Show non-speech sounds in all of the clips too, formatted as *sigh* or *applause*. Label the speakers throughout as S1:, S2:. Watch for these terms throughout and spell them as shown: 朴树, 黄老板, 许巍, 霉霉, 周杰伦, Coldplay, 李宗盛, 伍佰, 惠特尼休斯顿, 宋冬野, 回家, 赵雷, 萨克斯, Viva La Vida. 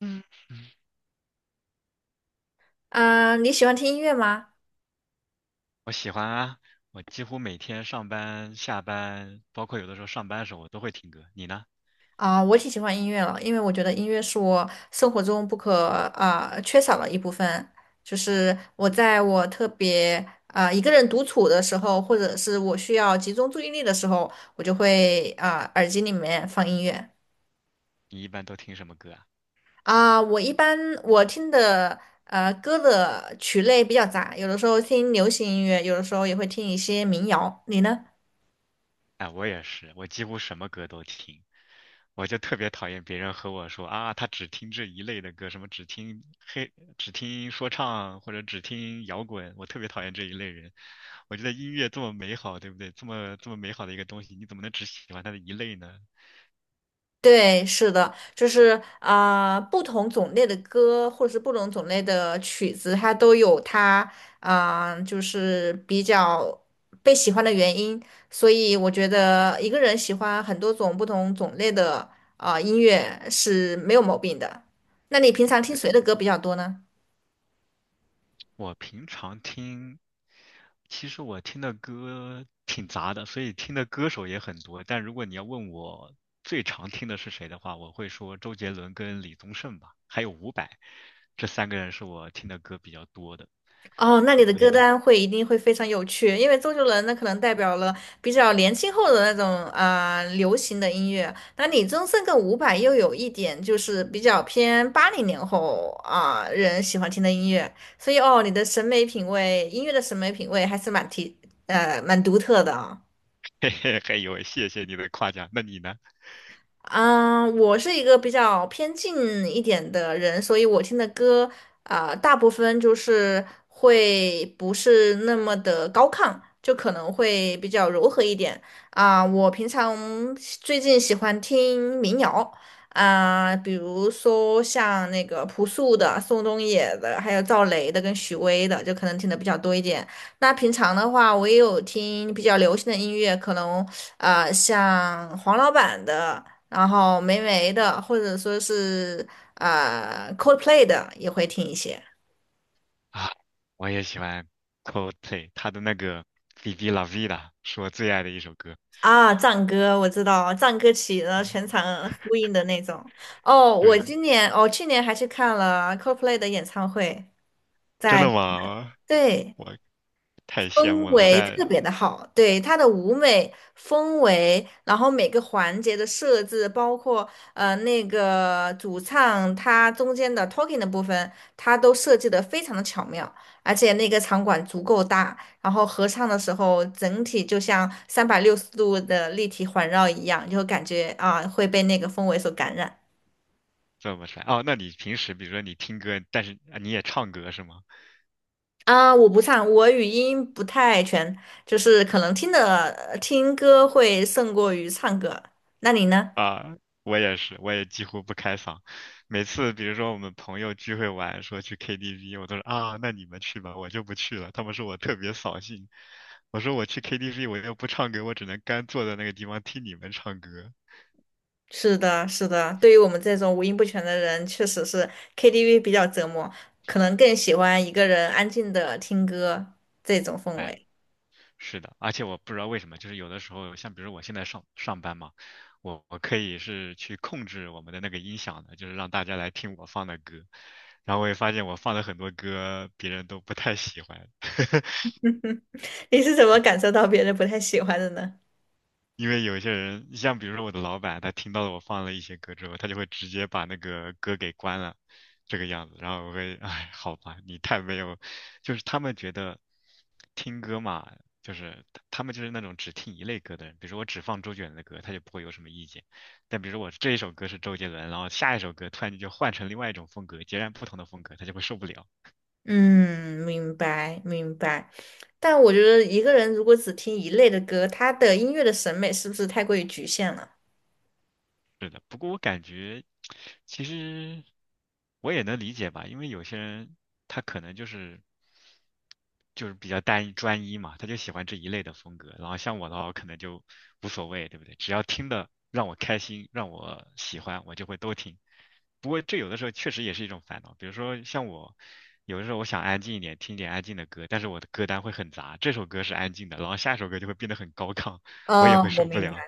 S1: 嗯，
S2: 嗯，你喜欢听音乐吗？
S1: 我喜欢啊，我几乎每天上班、下班，包括有的时候上班的时候，我都会听歌。你呢？
S2: 我挺喜欢音乐了，因为我觉得音乐是我生活中不可缺少的一部分。就是我在我特别一个人独处的时候，或者是我需要集中注意力的时候，我就会耳机里面放音乐。
S1: 你一般都听什么歌啊？
S2: 我一般我听的歌的曲类比较杂，有的时候听流行音乐，有的时候也会听一些民谣。你呢？
S1: 哎，我也是，我几乎什么歌都听。我就特别讨厌别人和我说啊，他只听这一类的歌，什么只听黑，只听说唱或者只听摇滚，我特别讨厌这一类人。我觉得音乐这么美好，对不对？这么这么美好的一个东西，你怎么能只喜欢它的一类呢？
S2: 对，是的，就是不同种类的歌或者是不同种类的曲子，它都有它就是比较被喜欢的原因。所以我觉得一个人喜欢很多种不同种类的音乐是没有毛病的。那你平常听
S1: 对。
S2: 谁的歌比较多呢？
S1: 我平常听，其实我听的歌挺杂的，所以听的歌手也很多。但如果你要问我最常听的是谁的话，我会说周杰伦跟李宗盛吧，还有伍佰，这三个人是我听的歌比较多的。
S2: 哦，那你
S1: 对，
S2: 的
S1: 你
S2: 歌
S1: 呢？
S2: 单一定会非常有趣，因为周杰伦那可能代表了比较年轻后的那种流行的音乐，那李宗盛跟伍佰又有一点就是比较偏80年后人喜欢听的音乐，所以哦，你的审美品味，音乐的审美品味还是蛮独特的
S1: *laughs* 嘿嘿，还有，谢谢你的夸奖。那你呢？
S2: 嗯，我是一个比较偏静一点的人，所以我听的歌大部分就是会不是那么的高亢，就可能会比较柔和一点啊。我平常最近喜欢听民谣比如说像那个朴树的、宋冬野的，还有赵雷的跟许巍的，就可能听的比较多一点。那平常的话，我也有听比较流行的音乐，可能像黄老板的。然后霉霉的，或者说是Coldplay 的也会听一些。
S1: 啊，我也喜欢 Coldplay，他的那个《Viva La Vida》是我最爱的一首歌。
S2: 藏歌我知道，藏歌起，然后全场呼应的那种。哦，我
S1: 对，
S2: 今年哦，去年还去看了 Coldplay 的演唱会，
S1: 真
S2: 在。
S1: 的吗？
S2: 对。
S1: 我太羡
S2: 氛
S1: 慕了，
S2: 围特
S1: 在
S2: 别的好，对，它的舞美氛围，然后每个环节的设置，包括那个主唱他中间的 talking 的部分，它都设计的非常的巧妙，而且那个场馆足够大，然后合唱的时候整体就像360度的立体环绕一样，就感觉会被那个氛围所感染。
S1: 怎么帅？哦，那你平时比如说你听歌，但是啊你也唱歌是吗？
S2: 我不唱，我语音不太全，就是可能听的听歌会胜过于唱歌。那你呢？
S1: 啊，我也是，我也几乎不开嗓。每次比如说我们朋友聚会玩，说去 KTV，我都是啊，那你们去吧，我就不去了。他们说我特别扫兴，我说我去 KTV 我又不唱歌，我只能干坐在那个地方听你们唱歌。
S2: 是的，是的，对于我们这种五音不全的人，确实是 KTV 比较折磨，可能更喜欢一个人安静的听歌这种氛
S1: 哎，
S2: 围。
S1: 是的，而且我不知道为什么，就是有的时候，像比如我现在上班嘛，我可以是去控制我们的那个音响的，就是让大家来听我放的歌，然后我也发现我放的很多歌别人都不太喜欢。*laughs*
S2: *laughs* 你是怎么感受到别人不太喜欢的呢？
S1: 因为有些人，像比如说我的老板，他听到了我放了一些歌之后，他就会直接把那个歌给关了，这个样子。然后我会，*laughs* 哎，好吧，你太没有，就是他们觉得听歌嘛，就是他们就是那种只听一类歌的人。比如说我只放周杰伦的歌，他就不会有什么意见。但比如说我这一首歌是周杰伦，然后下一首歌突然间就换成另外一种风格，截然不同的风格，他就会受不了。
S2: 嗯，明白明白。但我觉得一个人如果只听一类的歌，他的音乐的审美是不是太过于局限了？
S1: 其实我也能理解吧，因为有些人他可能就是比较单一专一嘛，他就喜欢这一类的风格。然后像我的话，我可能就无所谓，对不对？只要听的让我开心，让我喜欢，我就会都听。不过这有的时候确实也是一种烦恼，比如说像我，有的时候我想安静一点，听一点安静的歌，但是我的歌单会很杂，这首歌是安静的，然后下一首歌就会变得很高亢，我也
S2: 哦，
S1: 会
S2: 我
S1: 受不
S2: 明白。
S1: 了。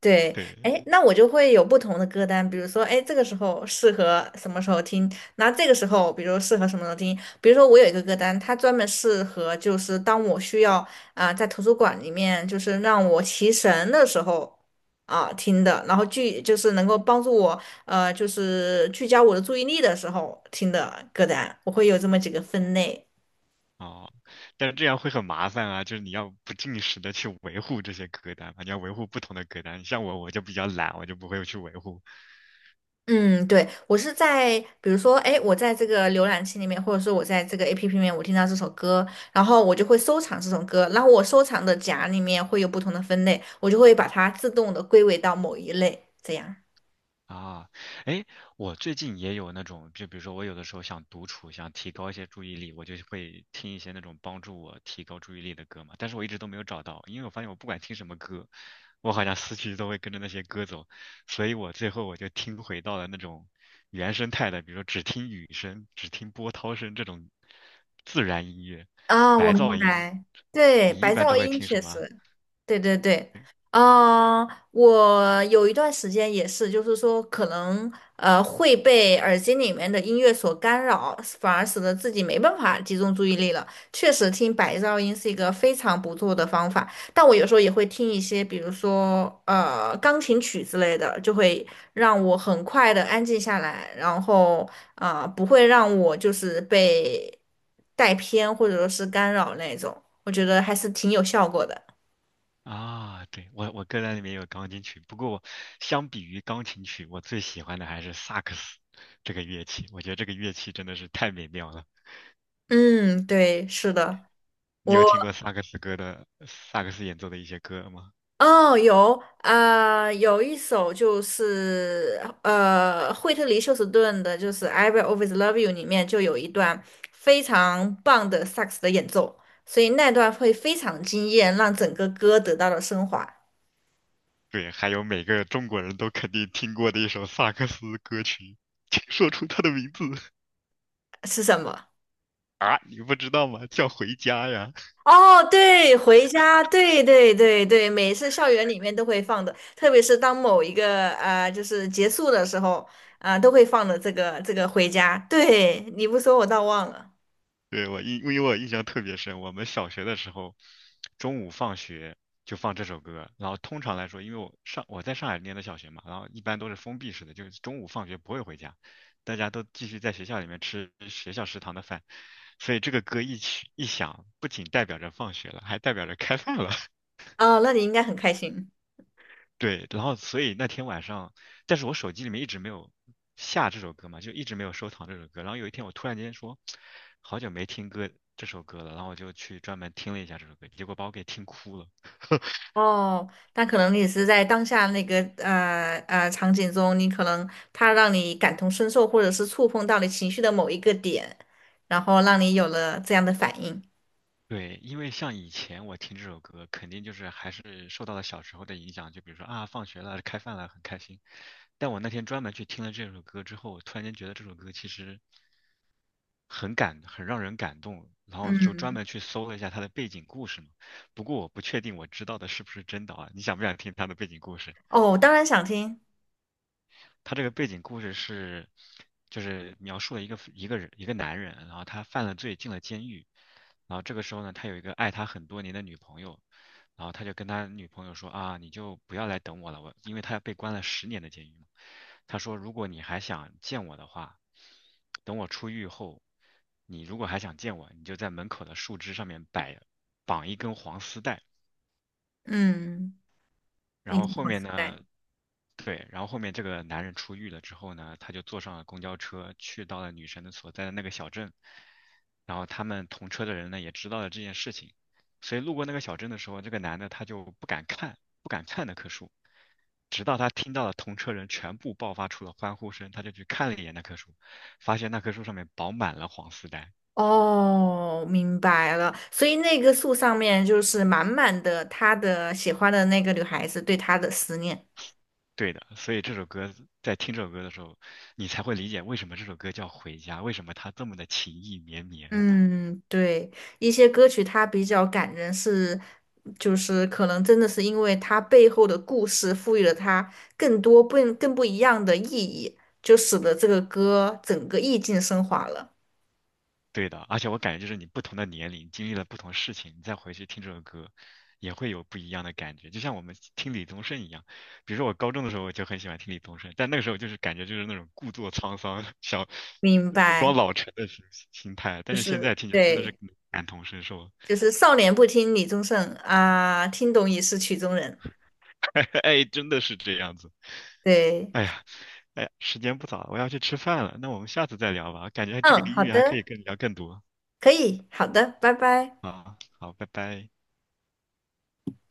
S2: 对，
S1: 对，
S2: 哎，那我就会有不同的歌单，比如说，哎，这个时候适合什么时候听，那这个时候，比如适合什么时候听，比如说我有一个歌单，它专门适合就是当我需要在图书馆里面就是让我提神的时候听的，然后就是能够帮助我就是聚焦我的注意力的时候听的歌单，我会有这么几个分类。
S1: 哦，但是这样会很麻烦啊，就是你要不定时的去维护这些歌单嘛，你要维护不同的歌单。像我，我就比较懒，我就不会去维护，
S2: 嗯，对，我是在，比如说，哎，我在这个浏览器里面，或者说我在这个 APP 里面，我听到这首歌，然后我就会收藏这首歌，然后我收藏的夹里面会有不同的分类，我就会把它自动的归为到某一类，这样。
S1: 啊，哎，我最近也有那种，就比如说我有的时候想独处，想提高一些注意力，我就会听一些那种帮助我提高注意力的歌嘛。但是我一直都没有找到，因为我发现我不管听什么歌，我好像思绪都会跟着那些歌走，所以我最后就听回到了那种原生态的，比如说只听雨声、只听波涛声这种自然音乐、
S2: 我
S1: 白
S2: 明
S1: 噪音。
S2: 白，对，
S1: 你一
S2: 白
S1: 般
S2: 噪
S1: 都会
S2: 音
S1: 听什
S2: 确
S1: 么？
S2: 实。对对对，啊、我有一段时间也是，就是说可能会被耳机里面的音乐所干扰，反而使得自己没办法集中注意力了。确实，听白噪音是一个非常不错的方法，但我有时候也会听一些，比如说钢琴曲之类的，就会让我很快的安静下来，然后不会让我就是被带偏或者说是干扰那种，我觉得还是挺有效果的。
S1: 啊，对，我歌单里面有钢琴曲，不过我相比于钢琴曲，我最喜欢的还是萨克斯这个乐器。我觉得这个乐器真的是太美妙了。
S2: 嗯，对，是的，
S1: 你有
S2: 我
S1: 听过萨克斯歌的萨克斯演奏的一些歌吗？
S2: 哦有一首就是惠特尼休斯顿的，就是《I Will Always Love You》里面就有一段非常棒的萨克斯的演奏，所以那段会非常惊艳，让整个歌得到了升华。
S1: 对，还有每个中国人都肯定听过的一首萨克斯歌曲，请说出它的名字。 *laughs*
S2: 是什么？
S1: 啊，你不知道吗？叫《回家》呀。
S2: 哦，对，回家，对对对对，每次校园里面都会放的，特别是当某一个就是结束的时候都会放的这个回家。对，你不说我倒忘了。
S1: 对，因为我印象特别深，我们小学的时候，中午放学就放这首歌，然后通常来说，因为我在上海念的小学嘛，然后一般都是封闭式的，就是中午放学不会回家，大家都继续在学校里面吃学校食堂的饭，所以这个歌一曲一响，不仅代表着放学了，还代表着开饭了。
S2: 哦，那你应该很开心。
S1: 对，然后所以那天晚上，但是我手机里面一直没有下这首歌嘛，就一直没有收藏这首歌。然后有一天我突然间说，好久没听歌这首歌了，然后我就去专门听了一下这首歌，结果把我给听哭了。
S2: 哦，那可能你是在当下那个场景中，你可能它让你感同身受，或者是触碰到你情绪的某一个点，然后让你有了这样的反应。
S1: 对，因为像以前我听这首歌，肯定就是还是受到了小时候的影响，就比如说啊，放学了，开饭了，很开心。但我那天专门去听了这首歌之后，我突然间觉得这首歌其实很让人感动。然后就专
S2: 嗯，
S1: 门去搜了一下他的背景故事嘛。不过我不确定我知道的是不是真的啊，你想不想听他的背景故事？
S2: 哦，我当然想听。
S1: 他这个背景故事是，就是描述了一个男人，然后他犯了罪进了监狱，然后这个时候呢，他有一个爱他很多年的女朋友，然后他就跟他女朋友说啊，你就不要来等我了，我因为他被关了十年的监狱嘛，他说如果你还想见我的话，等我出狱后，你如果还想见我，你就在门口的树枝上面摆绑一根黄丝带，
S2: 嗯，
S1: 然
S2: 你
S1: 后后
S2: 我期
S1: 面
S2: 待。
S1: 呢，对，然后后面这个男人出狱了之后呢，他就坐上了公交车，去到了女神的所在的那个小镇。然后他们同车的人呢，也知道了这件事情，所以路过那个小镇的时候，这个男的他就不敢看，不敢看那棵树，直到他听到了同车人全部爆发出了欢呼声，他就去看了一眼那棵树，发现那棵树上面饱满了黄丝带。
S2: 哦，明白了。所以那个树上面就是满满的他的喜欢的那个女孩子对他的思念。
S1: 对的，所以这首歌在听这首歌的时候，你才会理解为什么这首歌叫《回家》，为什么它这么的情意绵绵。
S2: 嗯，对，一些歌曲它比较感人是，就是可能真的是因为它背后的故事赋予了它更多不更不一样的意义，就使得这个歌整个意境升华了。
S1: 对的，而且我感觉就是你不同的年龄经历了不同事情，你再回去听这首歌，也会有不一样的感觉。就像我们听李宗盛一样，比如说我高中的时候我就很喜欢听李宗盛，但那个时候就是感觉就是那种故作沧桑，想
S2: 明
S1: 装
S2: 白，
S1: 老成的心态，但
S2: 就
S1: 是现在
S2: 是
S1: 听起来真的是
S2: 对，
S1: 感同身受，
S2: 就是少年不听李宗盛啊，听懂已是曲中人。
S1: *laughs* 哎，真的是这样子。
S2: 对，
S1: 哎呀，哎呀，时间不早了，我要去吃饭了。那我们下次再聊吧，感觉这个
S2: 嗯，
S1: 音
S2: 好
S1: 乐还可以
S2: 的。
S1: 更聊更多
S2: 可以，好的，拜拜。
S1: 啊。好，拜拜。